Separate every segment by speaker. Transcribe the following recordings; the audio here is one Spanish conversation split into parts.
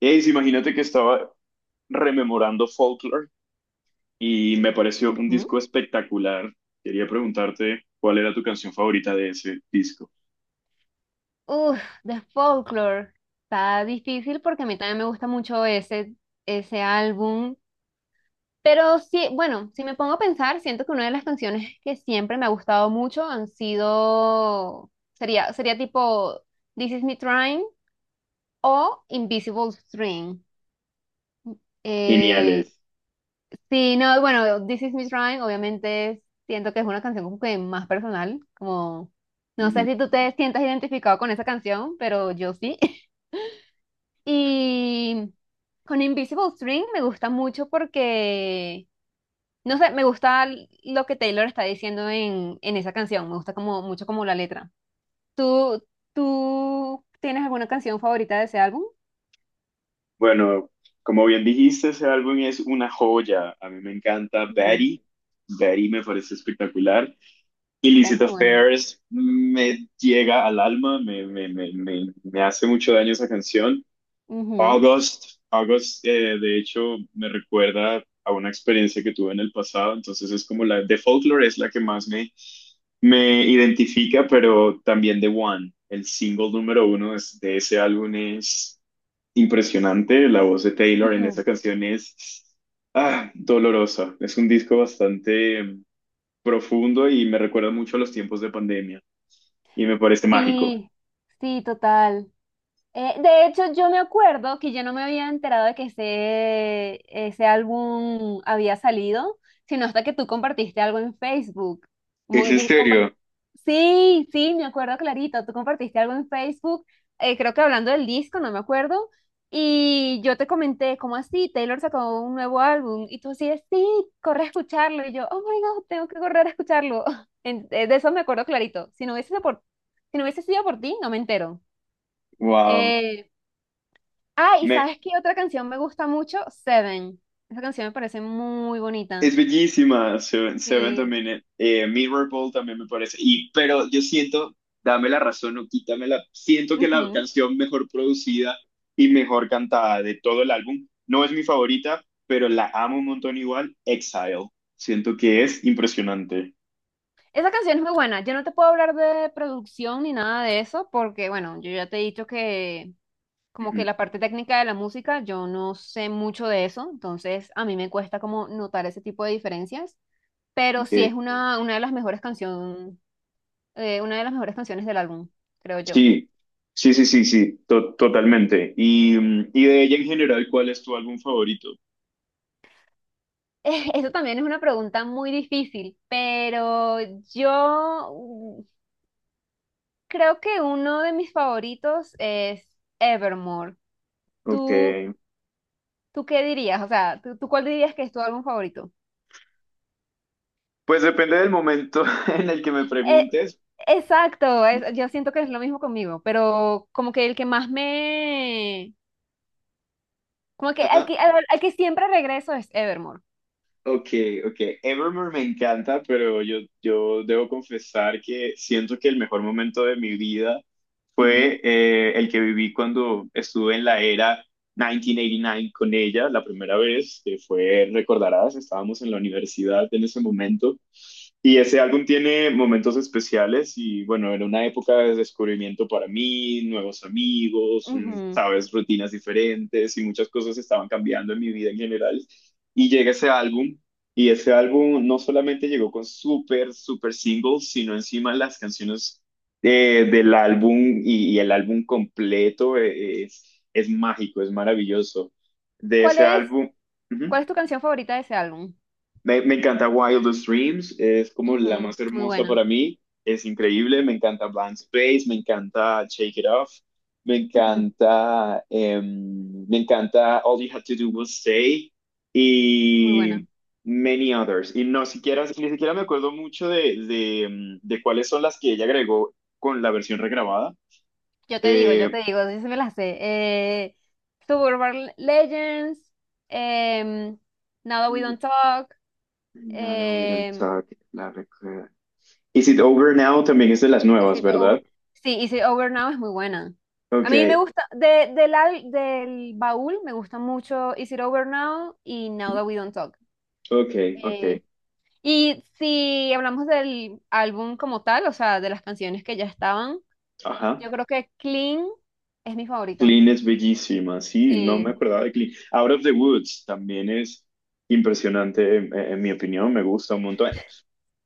Speaker 1: Ace, imagínate que estaba rememorando Folklore y me pareció un
Speaker 2: Ujú.
Speaker 1: disco espectacular. Quería preguntarte cuál era tu canción favorita de ese disco.
Speaker 2: Uf, de Folklore. Está difícil porque a mí también me gusta mucho ese álbum. Pero sí, bueno, si me pongo a pensar, siento que una de las canciones que siempre me ha gustado mucho sería tipo This Is Me Trying o Invisible String. Eh,
Speaker 1: Geniales.
Speaker 2: sí, no, bueno, This Is Me Trying, obviamente siento que es una canción como que más personal. No sé
Speaker 1: Ujú.
Speaker 2: si tú te sientas identificado con esa canción, pero yo sí. Y con Invisible String me gusta mucho porque, no sé, me gusta lo que Taylor está diciendo en esa canción, me gusta como, mucho como la letra. ¿Tú, Tú tienes alguna canción favorita de ese álbum?
Speaker 1: Bueno, como bien dijiste, ese álbum es una joya. A mí me encanta
Speaker 2: Ujú.
Speaker 1: Betty. Betty me parece espectacular.
Speaker 2: Dale,
Speaker 1: Illicit
Speaker 2: es muy buena.
Speaker 1: Affairs me llega al alma, me hace mucho daño esa canción.
Speaker 2: Ujú,
Speaker 1: August, August, de hecho, me recuerda a una experiencia que tuve en el pasado, entonces es como la de Folklore es la que más me identifica, pero también The One, el single número uno de ese álbum es impresionante, la voz de Taylor en
Speaker 2: ujú.
Speaker 1: esa canción es ah, dolorosa, es un disco bastante profundo y me recuerda mucho a los tiempos de pandemia y me parece mágico.
Speaker 2: Sí, sí, total. De hecho, yo me acuerdo que yo no me había enterado de que ese álbum había salido, sino hasta que tú compartiste algo en Facebook. Como,
Speaker 1: ¿Es en serio?
Speaker 2: sí, sí, me acuerdo clarito. Tú compartiste algo en Facebook, creo que hablando del disco, no me acuerdo. Y yo te comenté, ¿cómo así? Taylor sacó un nuevo álbum. Y tú así, sí, corre a escucharlo. Y yo, oh my God, tengo que correr a escucharlo. De eso me acuerdo clarito. Si no hubiese sido por ti, no me entero.
Speaker 1: Wow.
Speaker 2: Eh, y
Speaker 1: Me,
Speaker 2: ¿sabes qué otra canción me gusta mucho? Seven. Esa canción me parece muy bonita.
Speaker 1: es bellísima, Seven, Seven
Speaker 2: Sí.
Speaker 1: también, Mirror Mirrorball también me parece, y, pero yo siento, dame la razón o quítamela, siento que la canción mejor producida y mejor cantada de todo el álbum, no es mi favorita, pero la amo un montón igual, Exile, siento que es impresionante.
Speaker 2: Esa canción es muy buena. Yo no te puedo hablar de producción ni nada de eso porque, bueno, yo ya te he dicho que como que
Speaker 1: Ujú,
Speaker 2: la parte técnica de la música, yo no sé mucho de eso, entonces a mí me cuesta como notar ese tipo de diferencias, pero sí es
Speaker 1: ok.
Speaker 2: una de las mejores canciones, una de las mejores canciones del álbum, creo yo.
Speaker 1: Sí, sí, sí, sí, sí, totalmente. Y, y de ella en general, ¿cuál es tu álbum favorito?
Speaker 2: Eso también es una pregunta muy difícil, pero yo creo que uno de mis favoritos es Evermore.
Speaker 1: Ok,
Speaker 2: ¿Tú ¿Tú qué dirías? O sea, ¿ tú cuál dirías que es tu álbum favorito?
Speaker 1: pues depende del momento en el que me
Speaker 2: Eh,
Speaker 1: preguntes.
Speaker 2: exacto, yo siento que es lo mismo conmigo, pero como que el que más me... Como que
Speaker 1: Ajá.
Speaker 2: al que siempre regreso es Evermore.
Speaker 1: Ok, ok. Evermore me encanta, pero yo debo confesar que siento que el mejor momento de mi vida
Speaker 2: Ujú,
Speaker 1: fue el que viví cuando estuve en la era 1989 con ella la primera vez, que fue, recordarás, estábamos en la universidad en ese momento. Y ese álbum tiene momentos especiales y bueno, era una época de descubrimiento para mí, nuevos amigos,
Speaker 2: ujú.
Speaker 1: sabes, rutinas diferentes y muchas cosas estaban cambiando en mi vida en general. Y llega ese álbum y ese álbum no solamente llegó con súper, súper singles, sino encima las canciones del álbum y el álbum completo es mágico, es maravilloso. De
Speaker 2: ¿Cuál
Speaker 1: ese
Speaker 2: es,
Speaker 1: álbum, ujú,
Speaker 2: Cuál es tu canción favorita de ese álbum?
Speaker 1: me encanta Wildest Dreams, es como la
Speaker 2: Ujú,
Speaker 1: más
Speaker 2: muy
Speaker 1: hermosa
Speaker 2: buena,
Speaker 1: para mí, es increíble, me encanta Blank Space, me encanta Shake It Off, me
Speaker 2: ujú,
Speaker 1: encanta, me encanta All You Had to Do Was Stay
Speaker 2: muy
Speaker 1: y
Speaker 2: buena.
Speaker 1: many others. Y no siquiera, ni siquiera me acuerdo mucho de cuáles son las que ella agregó con la versión regrabada,
Speaker 2: Yo te digo, yo
Speaker 1: eh,
Speaker 2: te digo, yo sí me la sé. Suburban Legends, em, Now That We Don't Talk,
Speaker 1: nada, we don't talk, la recuerdo. Is it over now? También es de las
Speaker 2: Is
Speaker 1: nuevas,
Speaker 2: It
Speaker 1: ¿verdad?
Speaker 2: Over- sí, Is It Over Now es muy buena. A
Speaker 1: Ok,
Speaker 2: mí me gusta, del baúl me gusta mucho Is It Over Now y Now That We Don't Talk.
Speaker 1: ok, ok.
Speaker 2: Eh, y si hablamos del álbum como tal, o sea, de las canciones que ya estaban,
Speaker 1: Ajá.
Speaker 2: yo creo que Clean es mi favorita.
Speaker 1: Clean es bellísima, sí, no me
Speaker 2: Sí.
Speaker 1: acordaba de Clean. Out of the Woods también es impresionante, en mi opinión, me gusta un montón.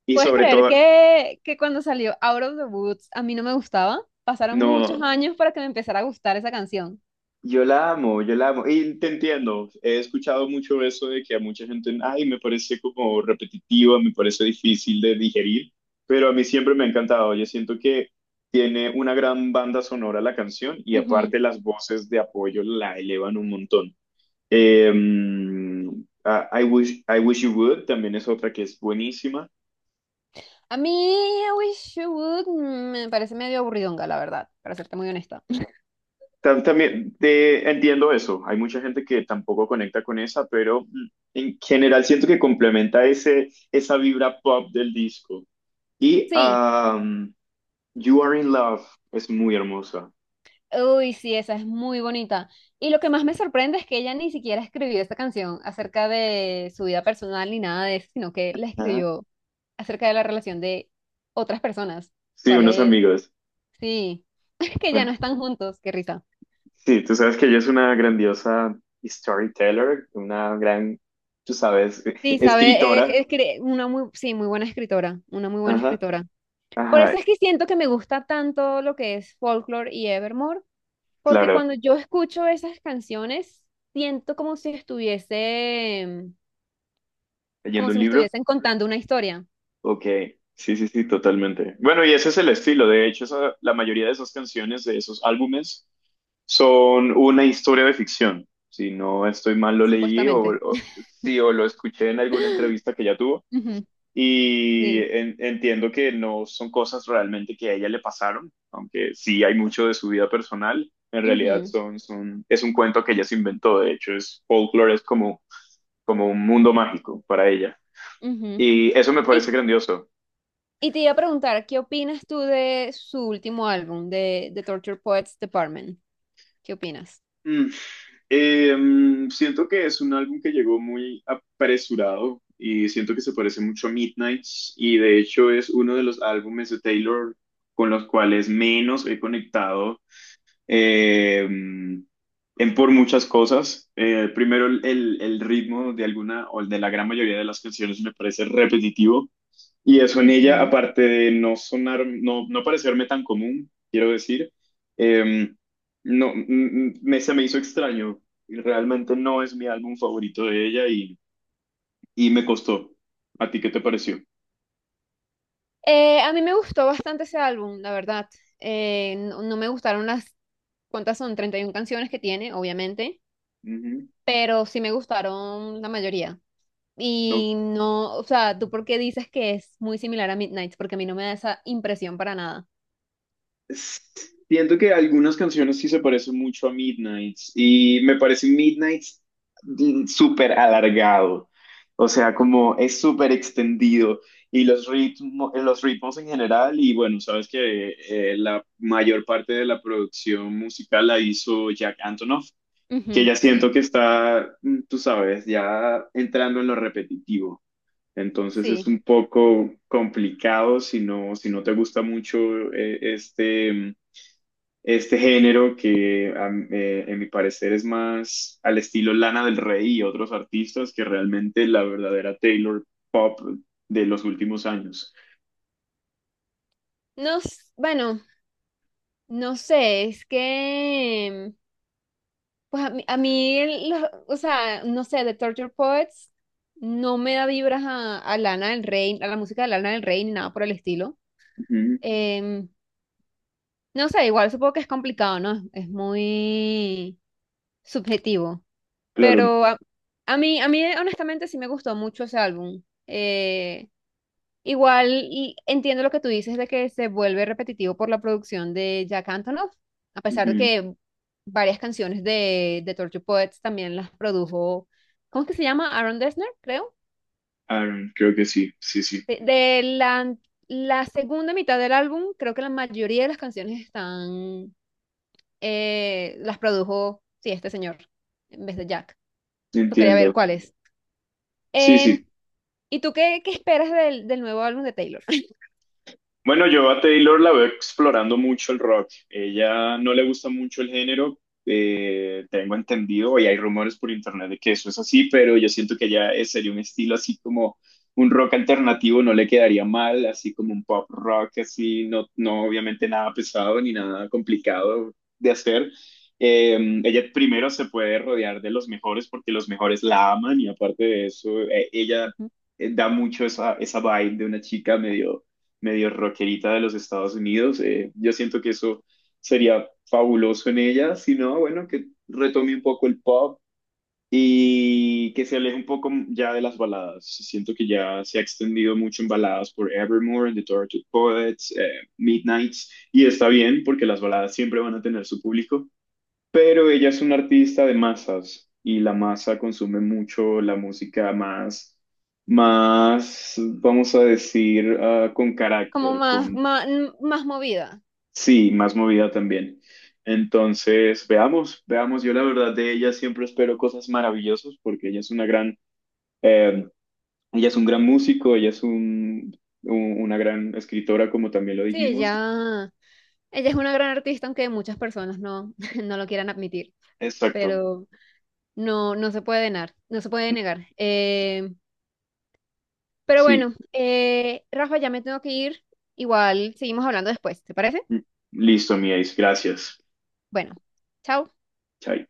Speaker 1: Y
Speaker 2: ¿Puedes
Speaker 1: sobre
Speaker 2: creer
Speaker 1: todo,
Speaker 2: que cuando salió Out of the Woods a mí no me gustaba? Pasaron muchos
Speaker 1: no.
Speaker 2: años para que me empezara a gustar esa canción.
Speaker 1: Yo la amo, yo la amo. Y te entiendo, he escuchado mucho eso de que a mucha gente, ay, me parece como repetitiva, me parece difícil de digerir, pero a mí siempre me ha encantado. Yo siento que tiene una gran banda sonora la canción y
Speaker 2: Ujú.
Speaker 1: aparte las voces de apoyo la elevan un montón. Eh, I wish you would también es otra que es buenísima.
Speaker 2: A mí, I Wish You Would me parece medio aburridonga, la verdad, para serte muy honesta.
Speaker 1: También te entiendo eso. Hay mucha gente que tampoco conecta con esa, pero en general siento que complementa ese, esa vibra pop del disco. Y
Speaker 2: Sí,
Speaker 1: You Are in Love es muy hermosa.
Speaker 2: uy, sí, esa es muy bonita. Y lo que más me sorprende es que ella ni siquiera escribió esta canción acerca de su vida personal ni nada de eso, sino que la
Speaker 1: Ajá.
Speaker 2: escribió acerca de la relación de otras personas.
Speaker 1: Sí,
Speaker 2: ¿Cuál
Speaker 1: unos
Speaker 2: es?
Speaker 1: amigos.
Speaker 2: Sí, que ya no
Speaker 1: Bueno,
Speaker 2: están juntos, qué risa.
Speaker 1: sí, tú sabes que ella es una grandiosa storyteller, una gran, tú sabes,
Speaker 2: Sí, sabe,
Speaker 1: escritora.
Speaker 2: una muy, sí, muy buena escritora, una muy buena
Speaker 1: Ajá,
Speaker 2: escritora. Por eso
Speaker 1: ajá,
Speaker 2: es que siento que me gusta tanto lo que es Folklore y Evermore. Porque
Speaker 1: claro,
Speaker 2: cuando yo escucho esas canciones, siento como si estuviese, como
Speaker 1: leyendo un
Speaker 2: si me
Speaker 1: libro.
Speaker 2: estuviesen contando una historia,
Speaker 1: Ok, sí, sí, sí, totalmente. Bueno, y ese es el estilo. De hecho, la mayoría de esas canciones, de esos álbumes, son una historia de ficción. Si no estoy mal, lo leí
Speaker 2: supuestamente.
Speaker 1: o- sí, o lo escuché en alguna entrevista que ella tuvo.
Speaker 2: Ujú.
Speaker 1: Y
Speaker 2: Sí.
Speaker 1: entiendo que no son cosas realmente que a ella le pasaron, aunque sí hay mucho de su vida personal. En realidad
Speaker 2: Ujú,
Speaker 1: es un cuento que ella se inventó. De hecho, es folklore, es como, como un mundo mágico para ella.
Speaker 2: ujú.
Speaker 1: Y eso me
Speaker 2: Y,
Speaker 1: parece grandioso.
Speaker 2: y te iba a preguntar, ¿qué opinas tú de su último álbum, de The Torture Poets Department? ¿Qué opinas?
Speaker 1: Eh, siento que es un álbum que llegó muy apresurado y siento que se parece mucho a Midnights y de hecho es uno de los álbumes de Taylor con los cuales menos he conectado eh, en por muchas cosas. Primero, el ritmo de alguna o de la gran mayoría de las canciones me parece repetitivo. Y eso en ella,
Speaker 2: Ujú.
Speaker 1: aparte de no sonar, no parecerme tan común, quiero decir, em, no, mm, me, se me hizo extraño. Y realmente no es mi álbum favorito de ella y me costó. ¿A ti qué te pareció?
Speaker 2: A mí me gustó bastante ese álbum, la verdad. No me gustaron las. ¿Cuántas son? 31 canciones que tiene, obviamente,
Speaker 1: Ujú,
Speaker 2: pero sí me gustaron la mayoría. Y no, o sea, ¿tú por qué dices que es muy similar a Midnight? Porque a mí no me da esa impresión para nada.
Speaker 1: siento que algunas canciones sí se parecen mucho a Midnights y me parece Midnights súper alargado, o sea, como es súper extendido y los ritmos en general y bueno, sabes que la mayor parte de la producción musical la hizo Jack Antonoff, que
Speaker 2: Ujú,
Speaker 1: ya
Speaker 2: sí,
Speaker 1: siento que está, tú sabes, ya entrando en lo repetitivo. Entonces es
Speaker 2: sí.
Speaker 1: un poco complicado si no, si no te gusta mucho este este género que en mi parecer es más al estilo Lana del Rey y otros artistas que realmente la verdadera Taylor Pop de los últimos años.
Speaker 2: Bueno, no sé, es que, pues a mí, o sea, no sé, The Torture Poets no me da vibras a Lana del Rey, a la música de Lana del Rey, ni nada por el estilo.
Speaker 1: Ujú,
Speaker 2: Em, no sé, igual supongo que es complicado, ¿no? Es muy subjetivo.
Speaker 1: claro,
Speaker 2: Pero a, a mí, a mí honestamente sí me gustó mucho ese álbum. Igual y entiendo lo que tú dices de que se vuelve repetitivo por la producción de Jack Antonoff, a pesar de
Speaker 1: ujú,
Speaker 2: que varias canciones de Torture Poets también las produjo, ¿cómo es que se llama? Aaron Dessner, creo.
Speaker 1: Aaron, creo que sí, sí, sí,
Speaker 2: De la segunda mitad del álbum, creo que la mayoría de las canciones están, las produjo, sí, este señor, en vez de Jack. Yo quería ver
Speaker 1: entiendo.
Speaker 2: cuáles.
Speaker 1: Sí,
Speaker 2: Em,
Speaker 1: sí,
Speaker 2: ¿Y tú qué, qué esperas del nuevo álbum de Taylor?
Speaker 1: bueno, yo a Taylor la veo explorando mucho el rock. Ella no le gusta mucho el género, tengo entendido, y hay rumores por internet de que eso es así, pero yo siento que ya sería un estilo así como un rock alternativo, no le quedaría mal, así como un pop rock, así, no, no obviamente nada pesado ni nada complicado de hacer. Ella primero se puede rodear de los mejores porque los mejores la aman y aparte de eso, ella
Speaker 2: Ujú.
Speaker 1: da mucho esa, esa vibe de una chica medio medio rockerita de los Estados Unidos. Yo siento que eso sería fabuloso en ella, si no, bueno, que retome un poco el pop y que se aleje un poco ya de las baladas. Siento que ya se ha extendido mucho en baladas por Evermore, The Tortured Poets, Midnights, y está bien porque las baladas siempre van a tener su público, pero ella es una artista de masas y la masa consume mucho la música más, más, vamos a decir, ah, con
Speaker 2: Como
Speaker 1: carácter,
Speaker 2: más,
Speaker 1: con,
Speaker 2: más, más movida.
Speaker 1: sí, más movida también. Entonces, veamos, veamos, yo la verdad de ella siempre espero cosas maravillosas porque ella es una gran, eh, ella es un gran músico, ella es una gran escritora, como también lo
Speaker 2: Sí,
Speaker 1: dijimos.
Speaker 2: ella es una gran artista, aunque muchas personas no, no lo quieran admitir,
Speaker 1: Exacto.
Speaker 2: pero no, no se puede negar, no se puede negar. Pero
Speaker 1: Sí,
Speaker 2: bueno, Rafa, ya me tengo que ir. Igual seguimos hablando después, ¿te parece?
Speaker 1: listo, mi Ace, gracias.
Speaker 2: Bueno, chao.
Speaker 1: Chai.